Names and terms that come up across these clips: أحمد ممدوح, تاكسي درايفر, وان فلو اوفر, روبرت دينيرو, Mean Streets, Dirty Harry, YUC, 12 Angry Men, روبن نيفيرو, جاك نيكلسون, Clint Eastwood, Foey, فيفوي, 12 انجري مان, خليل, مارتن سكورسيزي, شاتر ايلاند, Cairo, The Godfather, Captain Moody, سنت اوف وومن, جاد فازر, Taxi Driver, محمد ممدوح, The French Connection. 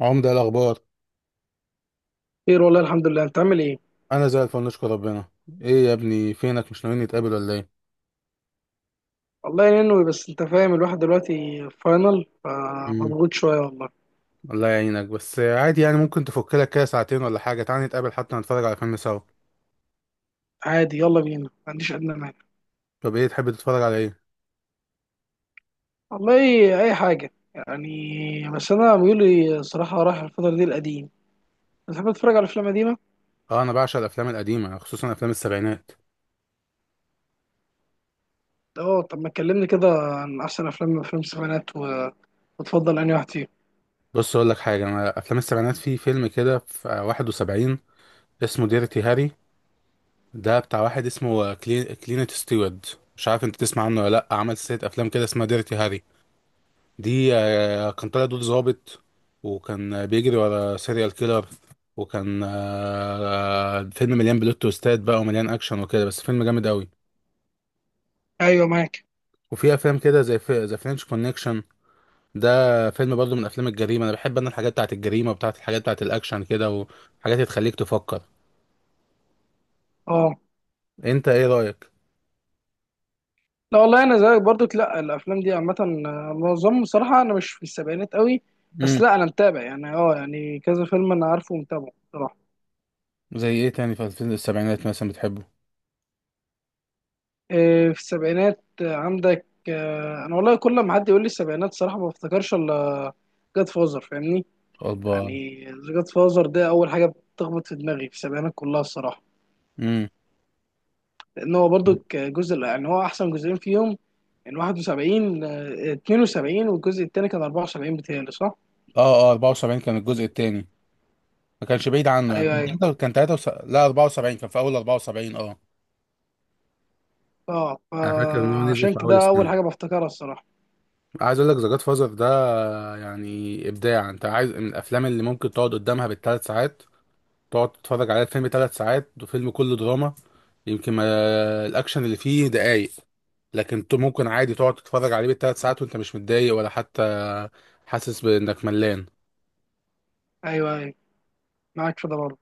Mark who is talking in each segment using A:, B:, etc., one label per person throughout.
A: عمدة، إيه الأخبار؟
B: خير والله الحمد لله، انت عامل ايه؟
A: أنا زي الفل نشكر ربنا. إيه يا ابني فينك مش ناويين نتقابل ولا إيه؟
B: والله ينوي، بس انت فاهم الواحد دلوقتي في فاينل،
A: مم.
B: فمضغوط شويه والله.
A: الله يعينك، بس عادي يعني ممكن تفك لك كده ساعتين ولا حاجة، تعالى نتقابل حتى نتفرج على فيلم سوا.
B: عادي، يلا بينا، ما عنديش ادنى مانع.
A: طب إيه تحب تتفرج على إيه؟
B: والله اي حاجه يعني، بس انا ميولي صراحه رايح الفتره دي القديم. بتحب تتفرج على افلام قديمه؟
A: أه، أنا بعشق الأفلام القديمة، خصوصا أفلام السبعينات.
B: اه، طب ما تكلمني كده عن احسن افلام، افلام السبعينات وتفضل انهي واحد فيهم.
A: بص أقول لك حاجة، أنا أفلام السبعينات في فيلم كده في 71 اسمه ديرتي هاري. ده بتاع واحد اسمه كلينت ستيوارد. مش عارف أنت تسمع عنه ولا لأ، عمل سلسلة أفلام كده اسمها ديرتي هاري دي. كان طالع دور ظابط. وكان بيجري ورا سيريال كيلر. وكان فيلم مليان بلوت تويستات بقى ومليان اكشن وكده، بس فيلم جامد قوي.
B: ايوه معاك.
A: وفي افلام كده زي في ذا فرنش كونكشن. ده فيلم برضه من افلام الجريمه، انا بحب انا الحاجات بتاعت الجريمه وبتاعت الحاجات بتاعت الاكشن كده، وحاجات تخليك تفكر.
B: اه،
A: انت ايه رايك؟
B: لا والله انا زيك برضو، لا الافلام دي عامه، معظم صراحه انا مش في السبعينات قوي، بس لا
A: امم.
B: انا متابع يعني اه، يعني كذا فيلم انا عارفه ومتابعه.
A: زي ايه تاني في الفيلم السبعينات مثلا بتحبه؟
B: إيه، في السبعينات، عندك، انا والله كل ما حد يقول لي السبعينات صراحه ما بفتكرش الا جاد فازر، فاهمني.
A: أربعة.
B: يعني جاد فازر ده اول حاجه بتخبط في دماغي في السبعينات كلها الصراحه،
A: امم.
B: لان هو برضو جزء، يعني هو احسن جزئين فيهم. يعني 71 72، والجزء الثاني كان 74 بتهيألي، صح؟
A: اه، اه، 74 كان الجزء التاني. ما كانش بعيد عنه يعني،
B: ايوه، ايوه.
A: كان 73، لا 74، كان في اول 74، اه.
B: اه،
A: انا فاكر ان هو نزل
B: فعشان
A: في اول
B: كده اول
A: السنه.
B: حاجه بفتكرها الصراحه.
A: عايز اقول لك ذا جاد فازر ده يعني ابداع. انت عايز من الافلام اللي ممكن تقعد قدامها بالثلاث ساعات، تقعد تتفرج على الفيلم ثلاث ساعات وفيلم كله دراما، يمكن ما الاكشن اللي فيه دقايق، لكن انت ممكن عادي تقعد تتفرج عليه بالثلاث ساعات وانت مش متضايق ولا حتى حاسس بانك ملان.
B: ايوه ايوه معاك في ده برضه.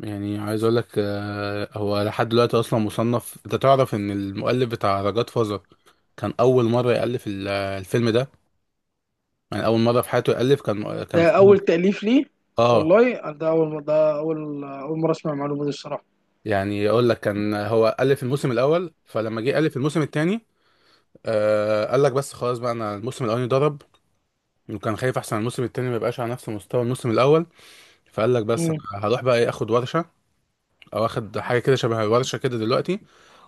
A: يعني عايز اقول لك، هو لحد دلوقتي اصلا مصنف. انت تعرف ان المؤلف بتاع ذا جاد كان اول مره يالف الفيلم ده. يعني اول مره في حياته يالف، كان
B: ده
A: كان
B: اول تأليف ليه؟
A: اه.
B: والله ده اول، اول مره اسمع المعلومه دي الصراحه.
A: يعني اقول لك كان هو الف الموسم الاول، فلما جه الف الموسم الثاني آه قال لك بس خلاص بقى، انا الموسم الاولاني ضرب، وكان خايف احسن الموسم الثاني ما يبقاش على نفس مستوى الموسم الاول. فقال لك بس انا هروح بقى ايه، اخد ورشه او اخد حاجه كده شبه الورشه كده دلوقتي،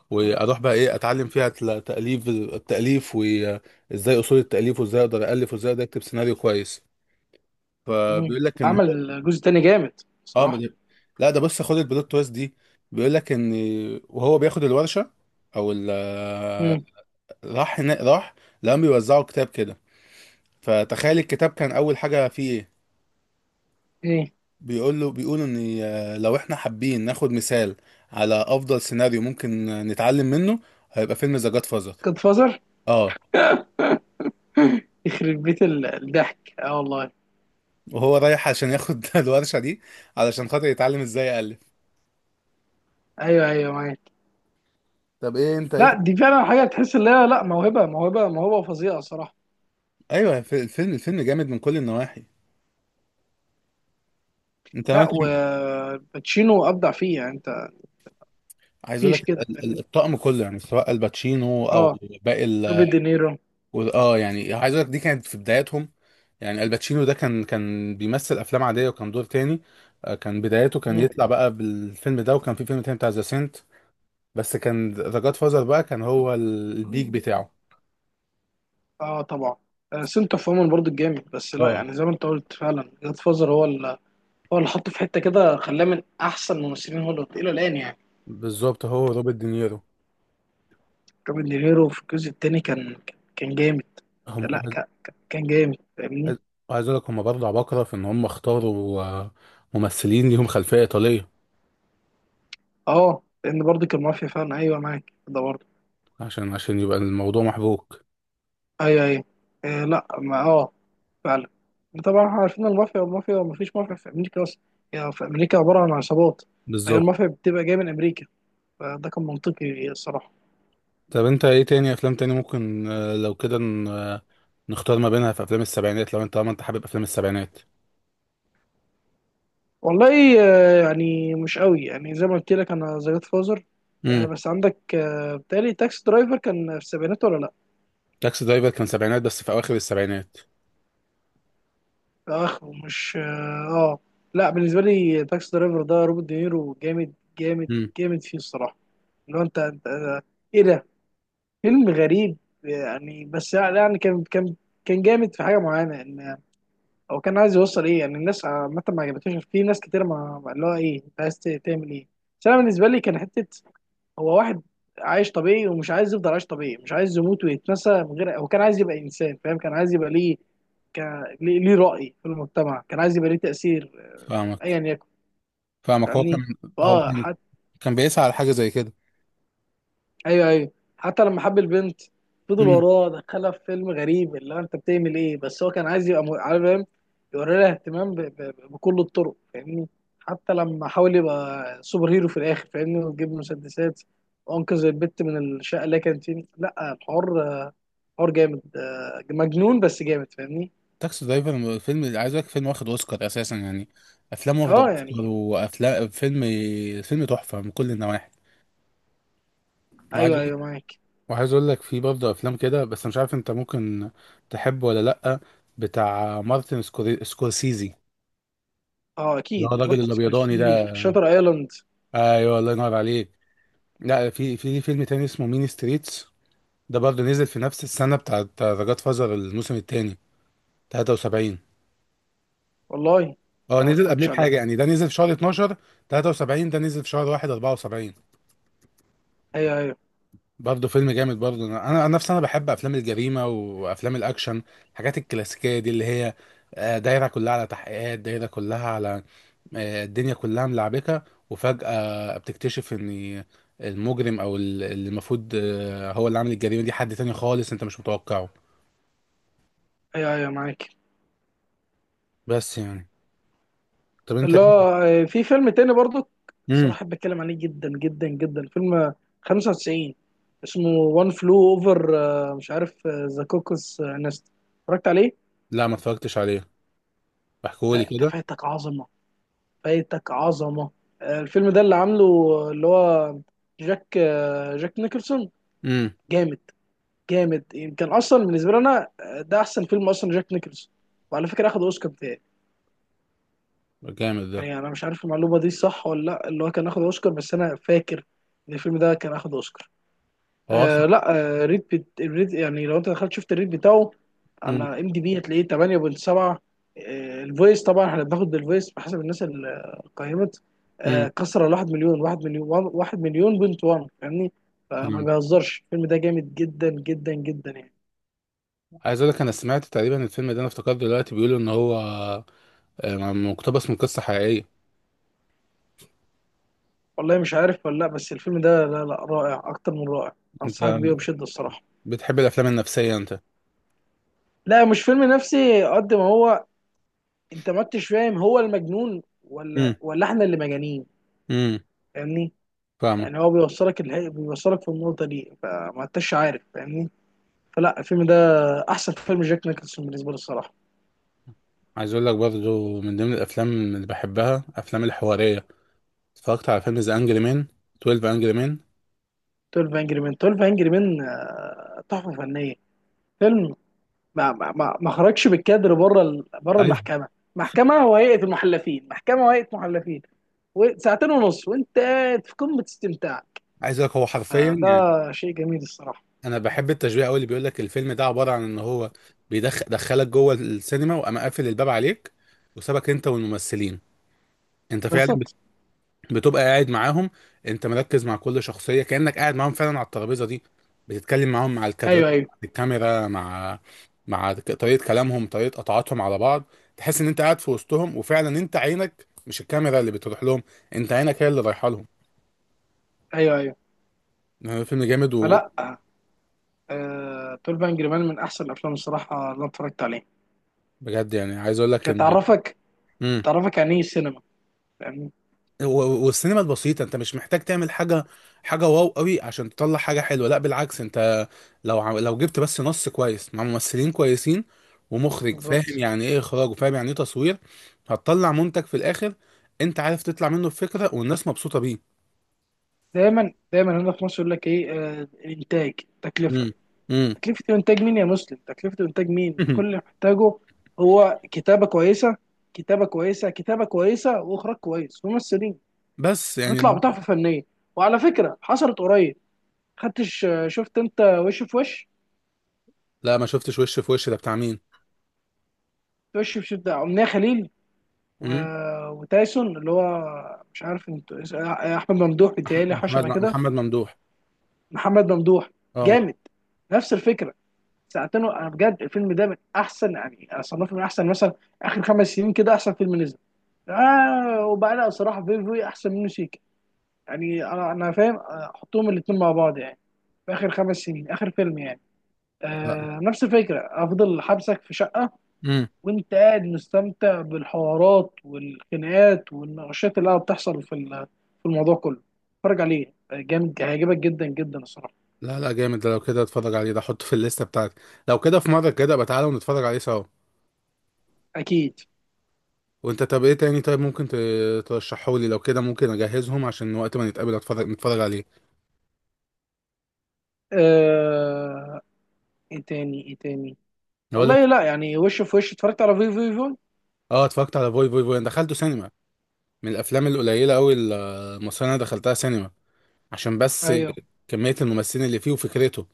A: واروح بقى ايه، اتعلم فيها تاليف، التاليف وازاي اصول التاليف، وازاي اقدر الف وازاي اقدر اكتب سيناريو كويس.
B: مم.
A: فبيقول لك ان هو
B: عمل جزء تاني جامد
A: اه، ما
B: بصراحة.
A: ده- لا، ده بص خد البلوت تويست دي. بيقول لك ان وهو بياخد الورشه او
B: مم.
A: راح هنا راح، لقاهم بيوزعوا كتاب كده. فتخيل الكتاب كان اول حاجه فيه ايه؟
B: ايه،
A: بيقول له، بيقولوا ان لو احنا حابين ناخد مثال على افضل سيناريو ممكن نتعلم منه، هيبقى فيلم ذا جاد فازر.
B: جاد فازر.
A: اه.
B: يخرب بيت الضحك، اه والله.
A: وهو رايح عشان ياخد الورشه دي علشان خاطر يتعلم ازاي يالف.
B: ايوه ايوه معاك.
A: طب ايه انت ايه؟
B: لا دي فعلا حاجة تحس ان هي، لا موهبة، موهبة موهبة فظيعة صراحة.
A: ايوه، الفيلم جامد من كل النواحي. انت
B: لا وباتشينو ابدع فيه، يعني انت
A: عايز اقول
B: مفيش
A: لك
B: كده، فاهمني.
A: الطقم كله، يعني سواء الباتشينو
B: اه،
A: او باقي ال.
B: روبرت دينيرو.
A: اه يعني عايز اقول لك دي كانت في بداياتهم. يعني الباتشينو ده كان بيمثل افلام عاديه وكان دور تاني. كان بدايته كان
B: مم.
A: يطلع بقى بالفيلم ده، وكان في فيلم تاني بتاع ذا سنت، بس كان ذا جاد فازر بقى كان هو البيك بتاعه.
B: اه طبعا. سنت اوف وومن برضه جامد، بس لا
A: اه
B: يعني زي ما انت قلت، فعلا جاد فازر هو اللي، هو اللي حطه في حتة كده، خلاه من احسن ممثلين هوليوود الى الان يعني.
A: بالظبط. هو روبرت دينيرو.
B: روبن نيفيرو في الجزء التاني كان، كان جامد.
A: هم
B: لا
A: عايز
B: كان جامد، فاهمني.
A: عايز اقول لك هم برضه عباقره في ان هم اختاروا ممثلين ليهم خلفيه ايطاليه
B: اه، لان برضه كان مافيا فعلا، ايوه معاك ده برضه.
A: عشان يبقى الموضوع محبوك.
B: ايوه ايوه. آه لا، ما اه، فعلا. طبعا احنا عارفين المافيا، المافيا ما فيش مافيا في امريكا اصلا، يعني في امريكا عباره عن عصابات. فهي
A: بالظبط.
B: المافيا بتبقى جايه من امريكا، فده كان منطقي الصراحه.
A: طب انت ايه تاني افلام تاني ممكن، لو كده نختار ما بينها في افلام السبعينات، لو انت، طالما انت حابب افلام السبعينات.
B: والله آه، يعني مش قوي، يعني زي ما قلت لك انا ذا جاد فازر،
A: امم.
B: بس عندك، بتهيألي تاكسي درايفر كان في السبعينات ولا لا؟
A: تاكسي درايفر كان سبعينات بس في اواخر السبعينات.
B: اخ ومش اه. آه. لا بالنسبه لي تاكسي درايفر ده، روبرت دينيرو جامد جامد
A: امم.
B: جامد فيه الصراحه. لو انت انت آه، ايه ده، فيلم غريب يعني. بس يعني كان كان جامد في حاجه معينه، ان هو كان عايز يوصل ايه، يعني الناس عامه ما عجبتهاش، في ناس كتير ما اللي هو ايه، انت عايز تعمل ايه. بس انا بالنسبه لي كان حته، هو واحد عايش طبيعي ومش عايز يفضل عايش طبيعي، مش عايز يموت ويتنسى من غير، هو كان عايز يبقى انسان فاهم، كان عايز يبقى ليه ك... ليه ليه رأي في المجتمع، كان عايز يبقى ليه تأثير.
A: فاهمك.
B: ايا يكن،
A: فاهمك، هو كان
B: فاهمني،
A: هو
B: فاه
A: كان
B: حتى.
A: كان بيسعى على حاجه زي كده.
B: ايوه ايوه. حتى لما حب البنت، فضل
A: امم.
B: وراه دخلها في فيلم غريب، اللي هو انت بتعمل ايه، بس هو كان عايز يبقى عارف، فاهم يوري لها اهتمام بكل الطرق فاهمني. حتى لما حاول يبقى سوبر هيرو في الاخر، فاهمني، ويجيب مسدسات وانقذ البت من الشقه اللي هي كانت فيه، لا الحوار، حوار جامد، مجنون بس جامد فاهمني.
A: تاكسي درايفر فيلم، عايز اقول لك فيلم واخد اوسكار اساسا يعني، افلام واخده
B: اه
A: اوسكار
B: يعني،
A: وافلام، فيلم، فيلم تحفه من كل النواحي. وعايز
B: ايوه
A: اقول
B: ايوه معاك.
A: وعايز اقول لك في برضه افلام كده، بس مش عارف انت ممكن تحبه ولا لا. بتاع مارتن سكورسيزي
B: اه
A: اللي
B: اكيد
A: هو الراجل
B: مارتن
A: الابيضاني
B: سكورسيزي
A: ده.
B: في شاتر ايلاند.
A: ايوه الله ينور عليك. لا، في فيلم تاني اسمه مين ستريتس. ده برضه نزل في نفس السنه بتاعت ذا جاد فازر الموسم التاني، 73.
B: والله
A: اه
B: أنا ما
A: نزل قبليه
B: اتفرجتش عليه.
A: بحاجه يعني، ده نزل في شهر 12 73، ده نزل في شهر 1 74.
B: ايوه ايوه.
A: برضه فيلم جامد. برضه انا نفسي انا بحب افلام الجريمه وافلام الاكشن، الحاجات الكلاسيكيه دي اللي هي دايره كلها على تحقيقات، دايره كلها على الدنيا كلها ملعبكة، وفجأة بتكتشف ان المجرم او اللي المفروض هو اللي عامل الجريمة دي حد تاني خالص انت مش متوقعه.
B: ايوه ايوه معاك.
A: بس يعني. طب انت.
B: لا، في فيلم تاني برضو
A: امم.
B: صراحة بحب اتكلم عليه جدا جدا جدا، فيلم 95 اسمه وان فلو اوفر، مش عارف ذا كوكس نست، اتفرجت عليه؟
A: لا، ما اتفرجتش عليه. احكولي
B: لا انت
A: كده.
B: فايتك عظمة، فايتك عظمة. الفيلم ده اللي عامله، اللي هو جاك، جاك نيكلسون.
A: امم.
B: جامد، جامد، يمكن اصلا بالنسبه لي انا، ده احسن فيلم اصلا جاك نيكلز، وعلى فكره اخد اوسكار بتاعي.
A: جامد ده.
B: يعني انا مش عارف المعلومه دي صح ولا لا، اللي هو كان اخد اوسكار، بس انا فاكر ان الفيلم ده كان اخد اوسكار.
A: هو اصلا.
B: آه لا، آه ريت الريت يعني، لو انت دخلت شفت الريت بتاعه
A: امم.
B: على ام دي بي هتلاقيه 8.7. آه الفويس طبعا احنا بناخد بالفويس بحسب الناس اللي قيمت،
A: امم.
B: آه كسر ال 1 مليون، 1 مليون، 1 مليون بنت 1، فاهمني. فما
A: فاهم.
B: بيهزرش، الفيلم ده جامد جدا جدا جدا يعني.
A: عايز اقول لك، انا سمعت تقريبا الفيلم ده، انا افتكرت دلوقتي بيقولوا ان هو مقتبس من قصة حقيقية.
B: والله مش عارف ولا لا، بس الفيلم ده لا لا، رائع اكتر من رائع،
A: انت
B: انصحك بيه بشده الصراحه.
A: بتحب الافلام النفسية انت؟
B: لا مش فيلم نفسي قد ما هو، انت ما انتش فاهم هو المجنون ولا،
A: امم.
B: ولا احنا اللي مجانين،
A: امم.
B: فاهمني.
A: فاهمك.
B: يعني هو بيوصلك في النقطه دي، فما انتش عارف، فاهمني. فلا الفيلم ده احسن فيلم جاك نيكلسون بالنسبه لي الصراحه.
A: عايز اقول لك برضو من ضمن الافلام اللي بحبها افلام الحواريه. اتفرجت على فيلم ذا انجري مان، 12 انجري مان.
B: 12 انجري مان، 12 انجري مان، تحفه فنيه، فيلم ما خرجش بالكادر بره بره
A: ايوه.
B: المحكمه، محكمه وهيئه المحلفين، محكمه وهيئه محلفين، وساعتين ونص وانت قاعد في قمه استمتاع.
A: عايز اقول لك هو حرفيا
B: ده
A: يعني،
B: شيء جميل الصراحه.
A: انا بحب التشبيه قوي اللي بيقول لك الفيلم ده عباره عن ان هو بيدخلك جوه السينما وقام قافل الباب عليك وسابك انت والممثلين. انت فعلا
B: بالظبط.
A: بتبقى قاعد معاهم. انت مركز مع كل شخصيه كانك قاعد معاهم فعلا على الترابيزه دي، بتتكلم معاهم، مع الكادرات،
B: ايوه ايوه.
A: مع الكاميرا، مع طريقه كلامهم، طريقه قطعاتهم على بعض. تحس ان انت قاعد في وسطهم، وفعلا انت عينك مش الكاميرا اللي بتروح لهم، انت عينك هي اللي رايحه لهم.
B: ايوه ايوه.
A: يعني فيلم جامد.
B: فلا 12 انجري مان من احسن الافلام الصراحه اللي أنا اتفرجت عليها،
A: وبجد يعني عايز اقول لك
B: كانت
A: ان
B: تعرفك،
A: مم.
B: تعرفك يعني ايه السينما، يعني
A: والسينما البسيطة، انت مش محتاج تعمل حاجة، حاجة واو قوي عشان تطلع حاجة حلوة. لا، بالعكس انت لو لو جبت بس نص كويس مع ممثلين كويسين ومخرج فاهم
B: بالظبط.
A: يعني ايه اخراج وفاهم يعني ايه تصوير، هتطلع منتج في الاخر. انت عارف تطلع منه بفكرة والناس مبسوطة بيه.
B: دايما دايما هنا في مصر يقول لك ايه، الانتاج، تكلفه،
A: امم. امم.
B: تكلفة إنتاج مين يا مسلم؟ تكلفة إنتاج مين؟ أنت كل اللي محتاجه هو كتابة كويسة، كتابة كويسة، كتابة كويسة وإخراج كويس، ممثلين،
A: بس يعني
B: هنطلع بتحفة فنية. وعلى فكرة حصلت قريب، خدتش شفت أنت وش في وش؟
A: لا، ما شفتش. وش في وش ده بتاع مين؟
B: وش في شدة، أمنية خليل، و...
A: امم.
B: وتايسون اللي هو، مش عارف انت، أحمد ممدوح
A: أح-
B: بيتهيألي حاجة
A: محمد
B: شبه كده،
A: محمد ممدوح.
B: محمد ممدوح.
A: اه.
B: جامد، نفس الفكرة، ساعتين، انا بجد الفيلم ده من احسن، يعني انا صنفه من احسن مثلا اخر خمس سنين كده، احسن فيلم نزل. آه وبعدها صراحة فيفوي أحسن من سيكا يعني، أنا فاهم، حطهم الاتنين مع بعض يعني في آخر خمس سنين آخر فيلم يعني.
A: لا.
B: آه نفس الفكرة، أفضل حبسك في شقة
A: امم.
B: وأنت قاعد مستمتع بالحوارات والخناقات والنقاشات اللي قاعدة بتحصل في في الموضوع كله. اتفرج عليه، جامد هيعجبك جدا جدا الصراحة.
A: لا، لا، جامد ده، لو كده اتفرج عليه ده، احطه في الليستة بتاعتي. لو كده في مرة كده بقى، تعالى ونتفرج عليه سوا.
B: أكيد.
A: وانت طب ايه تاني، طيب ممكن ترشحه لي لو كده، ممكن اجهزهم عشان وقت ما نتقابل، نتفرج عليه.
B: آه، إيه تاني؟ إيه تاني؟
A: اقول
B: والله
A: لك
B: لا يعني، وش في وش اتفرجت على فيفوي فيفوي.
A: اه، اتفرجت على فوي فوي فوي، انا دخلته سينما من الافلام القليله قوي المصريه اللي انا دخلتها سينما، عشان بس
B: أيوه،
A: كميه الممثلين اللي فيه وفكرته.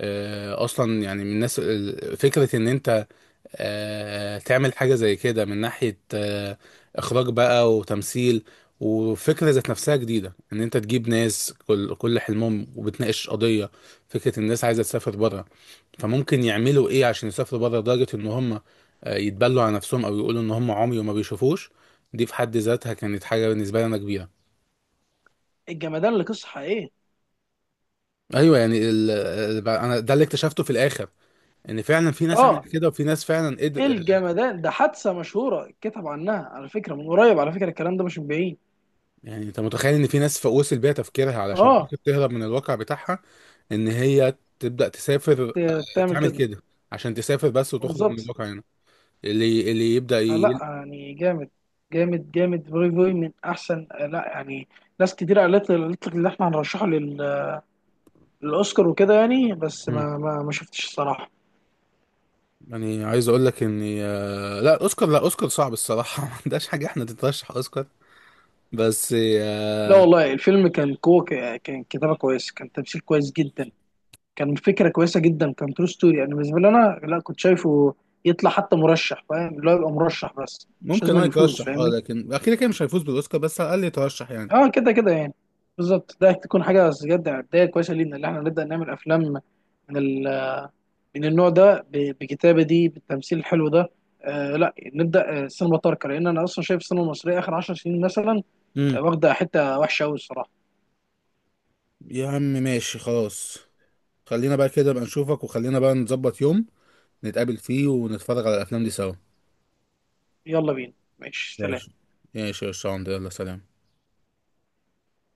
A: آه اصلا يعني من الناس فكره ان انت آه تعمل حاجه زي كده من ناحيه اخراج بقى وتمثيل، وفكره ذات نفسها جديده ان انت تجيب ناس كل حلمهم، وبتناقش قضيه. فكره الناس عايزه تسافر بره، فممكن يعملوا ايه عشان يسافروا بره، لدرجة ان هم يتبلوا على نفسهم، او يقولوا ان هم عمي وما بيشوفوش. دي في حد ذاتها كانت حاجة بالنسبة لي انا كبيرة.
B: الجمدان اللي قصة حقيقية.
A: ايوه يعني انا، ده اللي اكتشفته في الاخر ان فعلا في ناس عملت
B: اه،
A: كده، وفي ناس فعلا
B: ايه
A: قدر.
B: الجمدان ده حادثه مشهوره، اتكتب عنها على فكره من قريب، على فكره الكلام ده مش من بعيد.
A: يعني انت متخيل ان في ناس وصل بيها تفكيرها علشان
B: اه،
A: خاطر تهرب من الواقع بتاعها ان هي تبدأ تسافر،
B: تعمل
A: تعمل
B: كده.
A: كده عشان تسافر بس وتخرج من
B: بالظبط.
A: الواقع هنا، اللي يبدأ
B: فلا يعني جامد، جامد جامد، فوي فوي من احسن، لا يعني ناس كتير قالت لي، قالت لك اللي احنا هنرشحه للاوسكار وكده يعني، بس ما شفتش الصراحه.
A: يعني عايز اقول لك اني لا، اوسكار لا اوسكار صعب الصراحه ما عندهاش حاجه احنا تترشح اوسكار، بس
B: لا والله الفيلم كان كو، كان كتابه كويس، كان تمثيل كويس جدا، كان فكره كويسه جدا، كان ترو ستوري، يعني بالنسبه لي انا لا، كنت شايفه يطلع حتى مرشح، فاهم اللي هو يبقى مرشح بس مش
A: ممكن اه
B: لازم يفوز،
A: يترشح. اه
B: فاهمني.
A: لكن اكيد كده مش هيفوز بالاوسكار، بس على الاقل يترشح يعني.
B: اه كده كده يعني. بالظبط، ده تكون حاجه بجد بدايه كويسه لينا اللي احنا نبدا نعمل افلام من ال... من النوع ده بكتابه دي، بالتمثيل الحلو ده. آه لا نبدا، سينما تركه، لان انا اصلا شايف السينما المصريه اخر 10 سنين مثلا،
A: امم.
B: واخده حته وحشه قوي الصراحه.
A: يا عم ماشي خلاص، خلينا بقى كده بقى نشوفك، وخلينا بقى نظبط يوم نتقابل فيه ونتفرج على الافلام دي سوا.
B: يلا بينا، ماشي سلام.
A: ماشي. ماشي يا شاندر، يلا سلام.